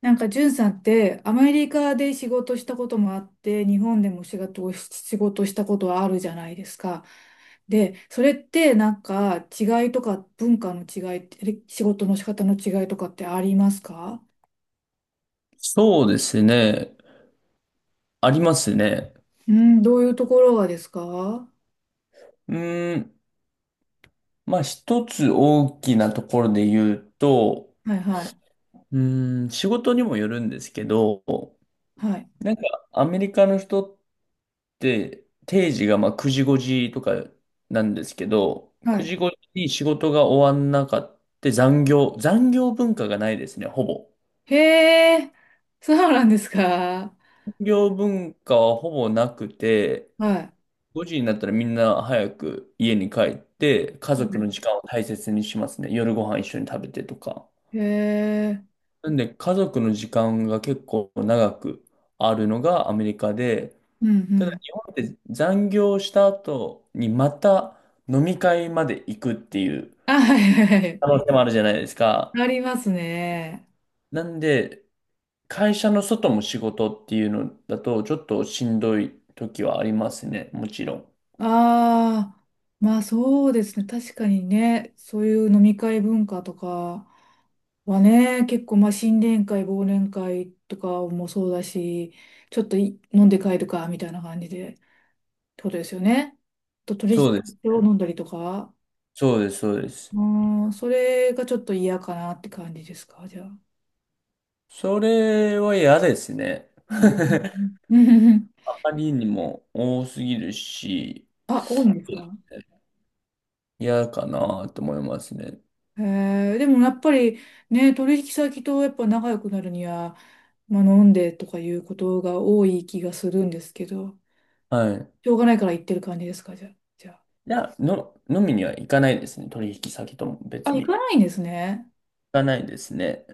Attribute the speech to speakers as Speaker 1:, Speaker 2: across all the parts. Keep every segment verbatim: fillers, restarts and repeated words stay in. Speaker 1: なんか、んさんって、アメリカで仕事したこともあって、日本でも仕事をし、仕事したことはあるじゃないですか。で、それって、なんか、違いとか、文化の違いって、仕事の仕方の違いとかってありますか？
Speaker 2: そうですね。ありますね。
Speaker 1: うん、どういうところがですか？は
Speaker 2: うーん。まあ、一つ大きなところで言うと、
Speaker 1: いはい。
Speaker 2: うーん、仕事にもよるんですけど、
Speaker 1: はい。
Speaker 2: なんかアメリカの人って定時がまあくじごじとかなんですけど、
Speaker 1: は
Speaker 2: 9
Speaker 1: い。
Speaker 2: 時ごじに仕事が終わんなかって残業、残業文化がないですね、ほぼ。
Speaker 1: へえ、そうなんですか？
Speaker 2: 残業文化はほぼなくて、
Speaker 1: はい。
Speaker 2: ごじになったらみんな早く家に帰って、家族の時間を大切にしますね。夜ご飯一緒に食べてとか。
Speaker 1: へえ、
Speaker 2: なんで、家族の時間が結構長くあるのがアメリカで、
Speaker 1: うんう
Speaker 2: ただ
Speaker 1: ん。
Speaker 2: 日本って残業した後にまた飲み会まで行くっていう
Speaker 1: あ、はいはいはい。
Speaker 2: 可能性もあるじゃないですか。
Speaker 1: ありますね。
Speaker 2: なんで、会社の外も仕事っていうのだと、ちょっとしんどい時はありますね。もちろん。
Speaker 1: ああ、まあそうですね。確かにね、そういう飲み会文化とかはね、結構まあ新年会、忘年会とかもそうだし、ちょっとい飲んで帰るかみたいな感じで、ってことですよね。と
Speaker 2: そ
Speaker 1: 取
Speaker 2: うです
Speaker 1: 引を
Speaker 2: ね。
Speaker 1: 飲んだりとか、
Speaker 2: そうです、そうです。
Speaker 1: うん、それがちょっと嫌かなって感じですか、じゃあ。
Speaker 2: それは嫌ですね。
Speaker 1: う ん、
Speaker 2: あまりにも多すぎるし、
Speaker 1: あ、多いんですか？
Speaker 2: 嫌かなと思いますね。
Speaker 1: へえ、でもやっぱりね、取引先とやっぱ仲良くなるには、まあ、飲んでとかいうことが多い気がするんですけど、
Speaker 2: はい。
Speaker 1: しょうがないから行ってる感じですか、じゃあ。じゃ
Speaker 2: いや、の、飲みには行かないですね。取引先とも
Speaker 1: あ、あ、
Speaker 2: 別
Speaker 1: 行
Speaker 2: に。行
Speaker 1: かないんですね。
Speaker 2: かないですね。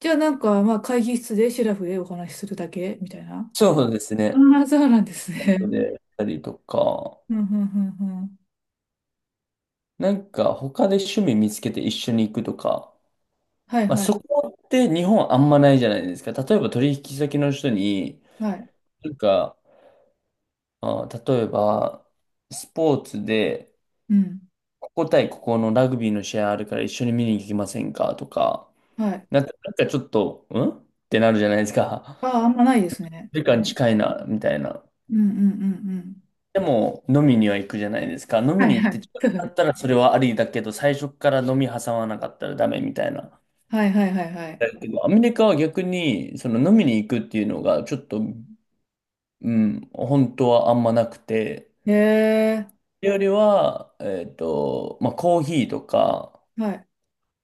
Speaker 1: じゃあなんか、まあ、会議室でシラフでお話しするだけみたいな。
Speaker 2: そうです
Speaker 1: あ
Speaker 2: ね。
Speaker 1: あ、そうなんですね。
Speaker 2: で、やったりとか、
Speaker 1: うん、うん、うん、うん。
Speaker 2: なんか他で趣味見つけて一緒に行くとか、
Speaker 1: はい、
Speaker 2: まあ
Speaker 1: は
Speaker 2: そ
Speaker 1: い、
Speaker 2: こって日本あんまないじゃないですか。例えば取引先の人に、
Speaker 1: はい。
Speaker 2: なんか、あ、例えば、スポーツで、
Speaker 1: うん、
Speaker 2: ここ対ここのラグビーの試合あるから一緒に見に行きませんかとか、
Speaker 1: はい。
Speaker 2: なんか、なんかちょっと、んってなるじゃないですか。
Speaker 1: ああ、あんまないですね。
Speaker 2: 時間近いな、みたいな。
Speaker 1: うん、うん、うん、うん。
Speaker 2: でも、飲みには行くじゃないですか。飲
Speaker 1: は
Speaker 2: み
Speaker 1: い、
Speaker 2: に行
Speaker 1: は
Speaker 2: っ
Speaker 1: い。
Speaker 2: て近くなった らそれはありだけど、最初から飲み挟まなかったらダメみたいな。
Speaker 1: はい、はい、はい、はい。
Speaker 2: だけど、アメリカは逆に、その飲みに行くっていうのが、ちょっと、うん、本当はあんまなくて、
Speaker 1: へえ、
Speaker 2: よりは、えっと、まあ、コーヒーとか、
Speaker 1: はい、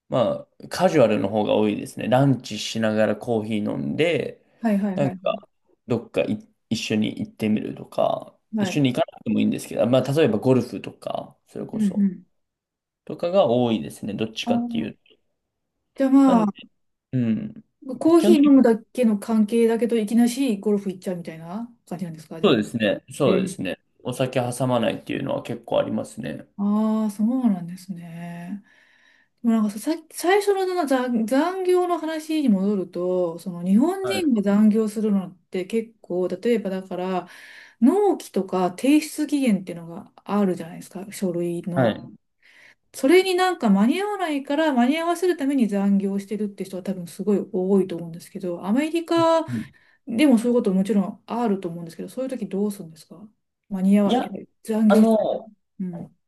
Speaker 2: まあ、カジュアルの方が多いですね。ランチしながらコーヒー飲んで、
Speaker 1: はい、はい、
Speaker 2: なん
Speaker 1: はいは
Speaker 2: か
Speaker 1: い。
Speaker 2: どっかい一緒に行ってみるとか、一
Speaker 1: は
Speaker 2: 緒
Speaker 1: い、
Speaker 2: に行かなくてもいいんですけど、まあ、例えばゴルフとか、それ
Speaker 1: う
Speaker 2: こ
Speaker 1: んう
Speaker 2: そ、
Speaker 1: ん。
Speaker 2: とかが多いですね。どっち
Speaker 1: あ
Speaker 2: かってい
Speaker 1: ー、
Speaker 2: うと。
Speaker 1: じゃあ
Speaker 2: な
Speaker 1: ま
Speaker 2: んで、
Speaker 1: あ、
Speaker 2: うん。
Speaker 1: コー
Speaker 2: 基
Speaker 1: ヒー
Speaker 2: 本
Speaker 1: 飲
Speaker 2: 的
Speaker 1: む
Speaker 2: に
Speaker 1: だけの関係だけど、いきなしゴルフ行っちゃうみたいな感じなんですか、じ
Speaker 2: そ
Speaker 1: ゃ
Speaker 2: うで
Speaker 1: あ。
Speaker 2: すね。
Speaker 1: え
Speaker 2: そうで
Speaker 1: え。
Speaker 2: すね。お酒挟まないっていうのは結構ありますね。
Speaker 1: ああ、そうなんですね。でもなんかさ、さ最初のその残、残業の話に戻ると、その日本
Speaker 2: はい。
Speaker 1: 人が残業するのって結構、例えばだから、納期とか提出期限っていうのがあるじゃないですか、書類
Speaker 2: は
Speaker 1: の。
Speaker 2: い。
Speaker 1: それになんか間に合わないから間に合わせるために残業してるって人は多分すごい多いと思うんですけど、アメリカ
Speaker 2: うん。
Speaker 1: でもそういうこともちろんあると思うんですけど、そういう時どうするんですか？間に合
Speaker 2: い
Speaker 1: わ、
Speaker 2: や、
Speaker 1: 残
Speaker 2: あ
Speaker 1: 業してる。
Speaker 2: の、
Speaker 1: うん。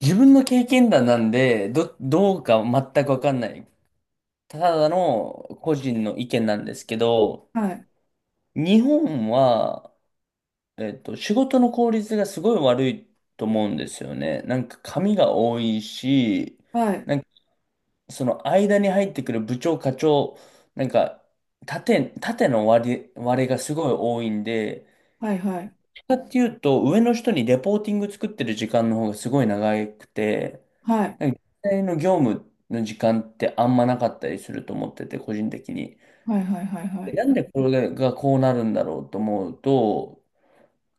Speaker 2: 自分の経験談なんで、ど、どうか全くわかんない。ただの個人の意見なんですけど、
Speaker 1: はい。
Speaker 2: 日本は、えっと、仕事の効率がすごい悪いと思うんですよね。なんか紙が多いし、
Speaker 1: はい。
Speaker 2: なんかその間に入ってくる部長、課長、なんか縦、縦の割れ、割れがすごい多いんで、
Speaker 1: はい。はい。
Speaker 2: かっていうと上の人にレポーティング作ってる時間の方がすごい長くて、
Speaker 1: はい。
Speaker 2: なんか実際の業務の時間ってあんまなかったりすると思ってて、個人的に。
Speaker 1: はい。はい。はい。は
Speaker 2: でな
Speaker 1: い。
Speaker 2: んでこれがこうなるんだろうと思うと、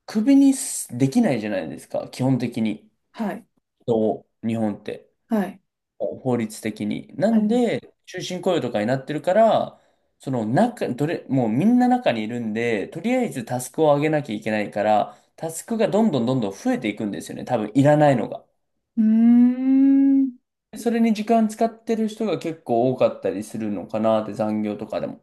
Speaker 2: 首にすできないじゃないですか、基本的に。
Speaker 1: はい。
Speaker 2: 人を日本って、
Speaker 1: はい。
Speaker 2: 法律的に。な
Speaker 1: は
Speaker 2: ん
Speaker 1: い。
Speaker 2: で、終身雇用とかになってるから、その中、どれ、もうみんな中にいるんで、とりあえずタスクを上げなきゃいけないから、タスクがどんどんどんどん増えていくんですよね、多分いらないのが。
Speaker 1: うーん。
Speaker 2: それに時間使ってる人が結構多かったりするのかなって、残業とかでも。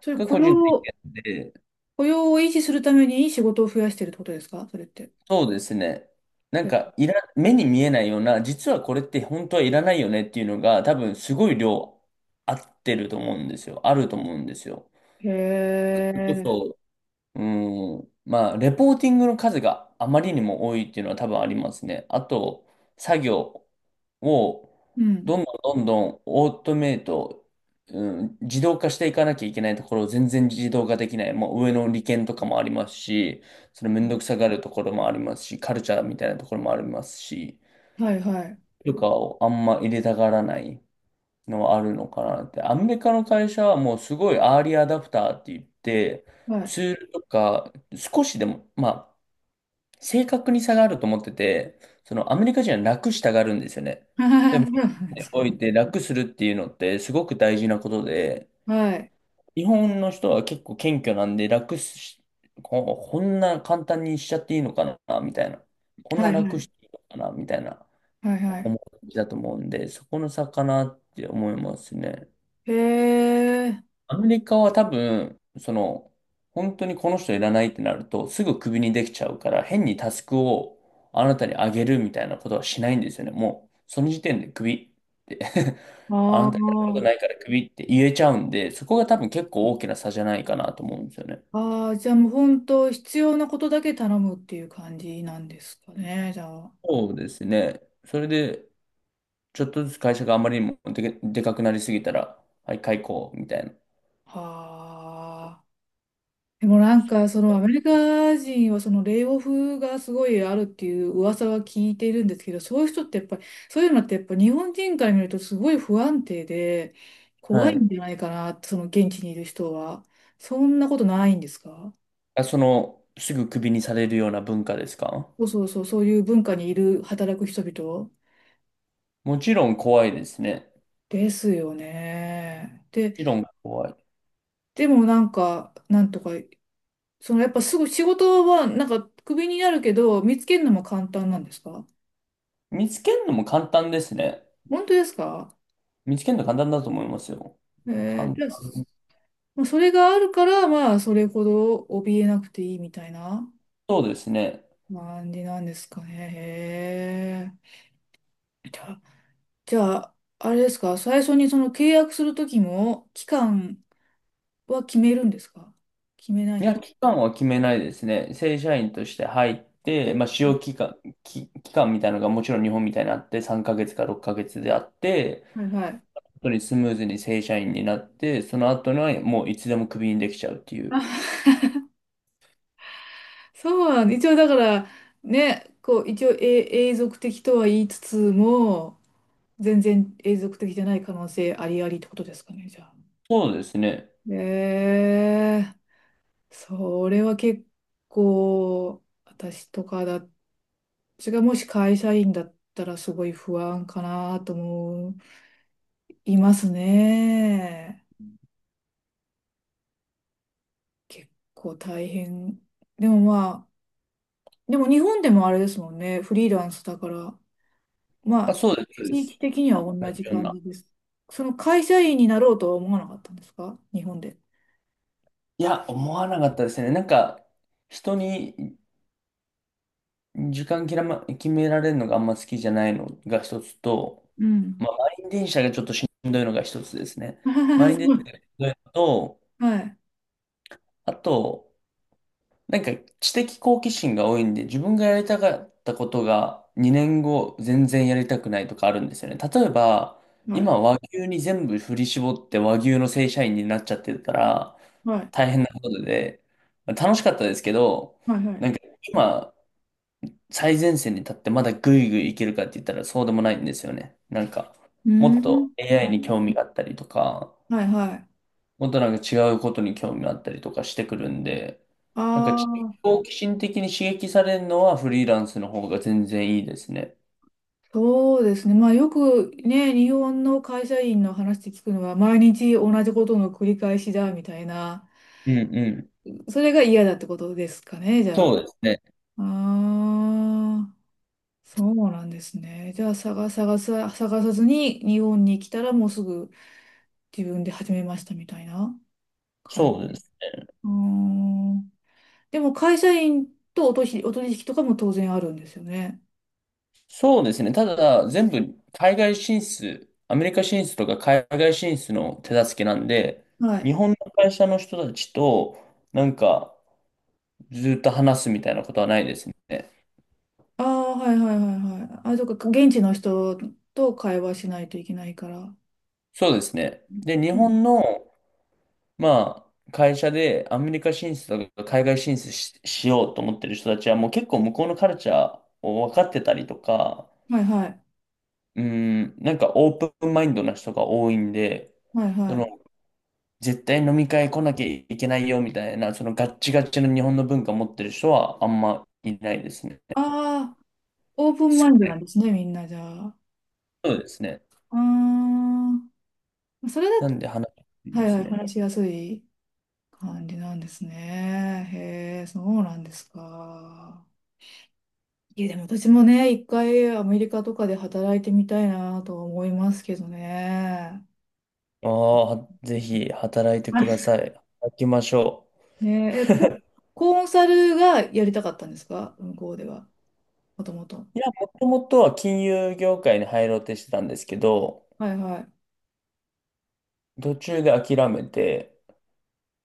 Speaker 1: それ
Speaker 2: が
Speaker 1: 雇
Speaker 2: 個人的
Speaker 1: 用、
Speaker 2: なんで
Speaker 1: 雇用を維持するためにいい仕事を増やしてるってことですか、それって。
Speaker 2: そうですね。なん
Speaker 1: へ、
Speaker 2: か、いら、目に見えないような、実はこれって本当はいらないよねっていうのが、多分すごい量合ってると思うんですよ。あると思うんですよ。
Speaker 1: へ
Speaker 2: それ
Speaker 1: え。
Speaker 2: こうん。まあ、レポーティングの数があまりにも多いっていうのは多分ありますね。あと、作業を
Speaker 1: うん。
Speaker 2: どんどんどんどんオートメイト、うん、自動化していかなきゃいけないところを全然自動化できない。もう上の利権とかもありますし、それめんどくさがるところもありますし、カルチャーみたいなところもありますし、
Speaker 1: はい。はい。
Speaker 2: とかをあんま入れたがらない。のはあるのかなって。アメリカの会社はもうすごいアーリーアダプターって言って、
Speaker 1: はい。
Speaker 2: ツールとか少しでも、まあ、正確に差があると思ってて、そのアメリカ人は楽したがるんですよね。
Speaker 1: そう
Speaker 2: で
Speaker 1: な
Speaker 2: も、
Speaker 1: んで
Speaker 2: に
Speaker 1: すか？
Speaker 2: おいて楽するっていうのってすごく大事なことで、
Speaker 1: はい。
Speaker 2: 日本の人は結構謙虚なんで楽し、ここんな簡単にしちゃっていいのかな、みたいな。こん
Speaker 1: は
Speaker 2: な
Speaker 1: い。は
Speaker 2: 楽し
Speaker 1: い。
Speaker 2: ていいのかな、みたいな
Speaker 1: はい。はい、
Speaker 2: 思いだと思うんで、そこの差かなって思いますね。
Speaker 1: へえ。
Speaker 2: アメリカは多分、その、本当にこの人いらないってなると、すぐクビにできちゃうから、変にタスクをあなたにあげるみたいなことはしないんですよね。もう、その時点でクビって あ
Speaker 1: あ
Speaker 2: なたにやることない
Speaker 1: あ。
Speaker 2: からクビって言えちゃうんで、そこが多分結構大きな差じゃないかなと思うんですよね。
Speaker 1: ああ、じゃあもう本当必要なことだけ頼むっていう感じなんですかね、じゃあ。
Speaker 2: そうですね。それで、ちょっとずつ会社があまりにもでけ、でかくなりすぎたら、はい、解雇みたいな。
Speaker 1: はあ。でもなんかそのアメリカ人はそのレイオフがすごいあるっていう噂は聞いているんですけど、そういう人ってやっぱり、そういうのってやっぱ日本人から見るとすごい不安定で
Speaker 2: は
Speaker 1: 怖い
Speaker 2: い。
Speaker 1: んじゃないかなって、その現地にいる人は。そんなことないんですか？
Speaker 2: あ、その、すぐクビにされるような文化ですか？
Speaker 1: そうそうそう、そういう文化にいる働く人々
Speaker 2: もちろん怖いですね。
Speaker 1: ですよね。で、
Speaker 2: 理論が怖い。
Speaker 1: でもなんか、なんとかそのやっぱすぐ仕事はなんかクビになるけど、見つけるのも簡単なんですか？
Speaker 2: 見つけるのも簡単ですね。
Speaker 1: 本当ですか？
Speaker 2: 見つけるの簡単だと思いますよ。
Speaker 1: えー、
Speaker 2: 簡
Speaker 1: じゃあ、
Speaker 2: 単。
Speaker 1: まあそれがあるから、まあ、それほど怯えなくていいみたいな
Speaker 2: そうですね。
Speaker 1: 感じなんですかね。へえ。じゃあ、じゃあ、あれですか、最初にその契約するときも、期間は決めるんですか？決めない
Speaker 2: い
Speaker 1: ん
Speaker 2: や、
Speaker 1: です
Speaker 2: 期間は決めないですね。正社員として入って、まあ、使用期間、き期間みたいなのがもちろん日本みたいにあって、さんかげつかろっかげつであって、
Speaker 1: か？はいはい。
Speaker 2: 本当にスムーズに正社員になって、その後にはもういつでもクビにできちゃうっていう。
Speaker 1: そうなん、一応だから、ね、こう、一応永永続的とは言いつつも、全然永続的じゃない可能性ありありってことですかね、じゃあ。
Speaker 2: そうですね。
Speaker 1: えー、それは結構、私とかだ、私がもし会社員だったらすごい不安かなと思いますね。結構大変。でもまあ、でも日本でもあれですもんね、フリーランスだから、ま
Speaker 2: あ、
Speaker 1: あ、
Speaker 2: そうです、そうで
Speaker 1: 地
Speaker 2: す。
Speaker 1: 域的には
Speaker 2: まあ、同
Speaker 1: 同
Speaker 2: じ
Speaker 1: じ
Speaker 2: よう
Speaker 1: 感
Speaker 2: な。
Speaker 1: じです。その会社員になろうとは思わなかったんですか、日本で。
Speaker 2: いや、思わなかったですね。なんか、人に時間決ま、決められるのがあんま好きじゃないのが一つと、
Speaker 1: うん。
Speaker 2: まあ、満員電車がちょっとしんどいのが一つですね。満員電車 がしんどいのと、
Speaker 1: はい。
Speaker 2: あと、なんか知的好奇心が多いんで、自分がやりたかったことがにねんご全然やりたくないとかあるんですよね。例えば、
Speaker 1: はい。
Speaker 2: 今和牛に全部振り絞って和牛の正社員になっちゃってるから、
Speaker 1: はい。
Speaker 2: 大変なことで、まあ楽しかったですけど、
Speaker 1: はい。はい。
Speaker 2: なんか今、最前線に立ってまだぐいぐいいけるかって言ったらそうでもないんですよね。なんか、
Speaker 1: うー
Speaker 2: もっ
Speaker 1: ん。
Speaker 2: と エーアイ に興味があったりとか、
Speaker 1: はいはい。
Speaker 2: もっとなんか違うことに興味があったりとかしてくるんで、なんか
Speaker 1: あ
Speaker 2: ち
Speaker 1: あ、
Speaker 2: 好奇心的に刺激されるのはフリーランスの方が全然いいですね。
Speaker 1: そうですね。まあよくね、日本の会社員の話で聞くのは、毎日同じことの繰り返しだみたいな、
Speaker 2: うんうん。
Speaker 1: それが嫌だってことですかね、じゃ
Speaker 2: そ
Speaker 1: あ。
Speaker 2: うですね。
Speaker 1: ああ、そうなんですね。じゃあ探探さ、探さずに日本に来たらもうすぐ自分で始めましたみたいな感じ
Speaker 2: そう
Speaker 1: で。
Speaker 2: です。
Speaker 1: うーん。でも会社員とお取引、お取引とかも当然あるんですよね。
Speaker 2: そうですね。ただ、全部海外進出、アメリカ進出とか海外進出の手助けなんで、
Speaker 1: はい。
Speaker 2: 日本の会社の人たちと、なんか、ずっと話すみたいなことはないですね。
Speaker 1: ああ、はいはいはいはい。あ、そっか、現地の人と会話しないといけないから。
Speaker 2: そうですね。で、日
Speaker 1: うん。
Speaker 2: 本の、まあ、会社でアメリカ進出とか海外進出し、しようと思ってる人たちはもう結構向こうのカルチャーを分かってたりとか、
Speaker 1: はいはい。
Speaker 2: うん、なんかオープンマインドな人が多いんで、
Speaker 1: はいは
Speaker 2: その
Speaker 1: い。
Speaker 2: 絶対飲み会来なきゃいけないよみたいな、そのガッチガチの日本の文化を持ってる人はあんまいないですね。
Speaker 1: ああ、オープンマインドなんですね、みんなじゃあ。
Speaker 2: そうですね。
Speaker 1: ああ、それだ、
Speaker 2: なんで話しやすい
Speaker 1: は
Speaker 2: で
Speaker 1: いは
Speaker 2: す
Speaker 1: い、
Speaker 2: ね。
Speaker 1: 話しやすい感じなんですね。へえ、そうなんですか。いや、でも私もね、一回アメリカとかで働いてみたいなと思いますけどね。
Speaker 2: ああ、ぜひ働いて
Speaker 1: は
Speaker 2: く
Speaker 1: い、
Speaker 2: ださい。働きましょ
Speaker 1: ねえ、えこコンサルがやりたかったんですか、向こうでは。もともと。
Speaker 2: う。いや、もともとは金融業界に入ろうとしてたんですけど、
Speaker 1: はいは
Speaker 2: 途中で諦めて、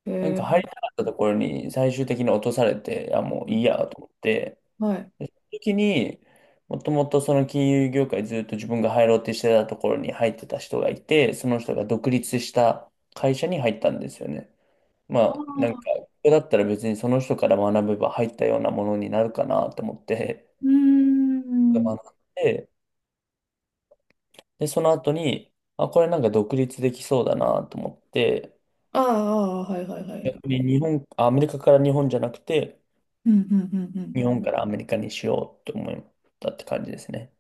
Speaker 1: い。
Speaker 2: なん
Speaker 1: え
Speaker 2: か
Speaker 1: ー、
Speaker 2: 入りたかったところに最終的に落とされて、あ、もういいやと思って、
Speaker 1: はい。
Speaker 2: でその時に、もともとその金融業界ずっと自分が入ろうとしてたところに入ってた人がいて、その人が独立した会社に入ったんですよね。ま
Speaker 1: あ
Speaker 2: あ、なんか、
Speaker 1: あ、
Speaker 2: ここだったら別にその人から学べば入ったようなものになるかなと思って、
Speaker 1: うー
Speaker 2: で
Speaker 1: ん。
Speaker 2: 学んで、で、その後に、あ、これなんか独立できそうだなと思って、
Speaker 1: ああ、ああはいはいはい。
Speaker 2: 逆に日本、あアメリカから日本じゃなくて、
Speaker 1: うんうんうんうん。
Speaker 2: 日本からアメリカにしようと思ったって感じですね。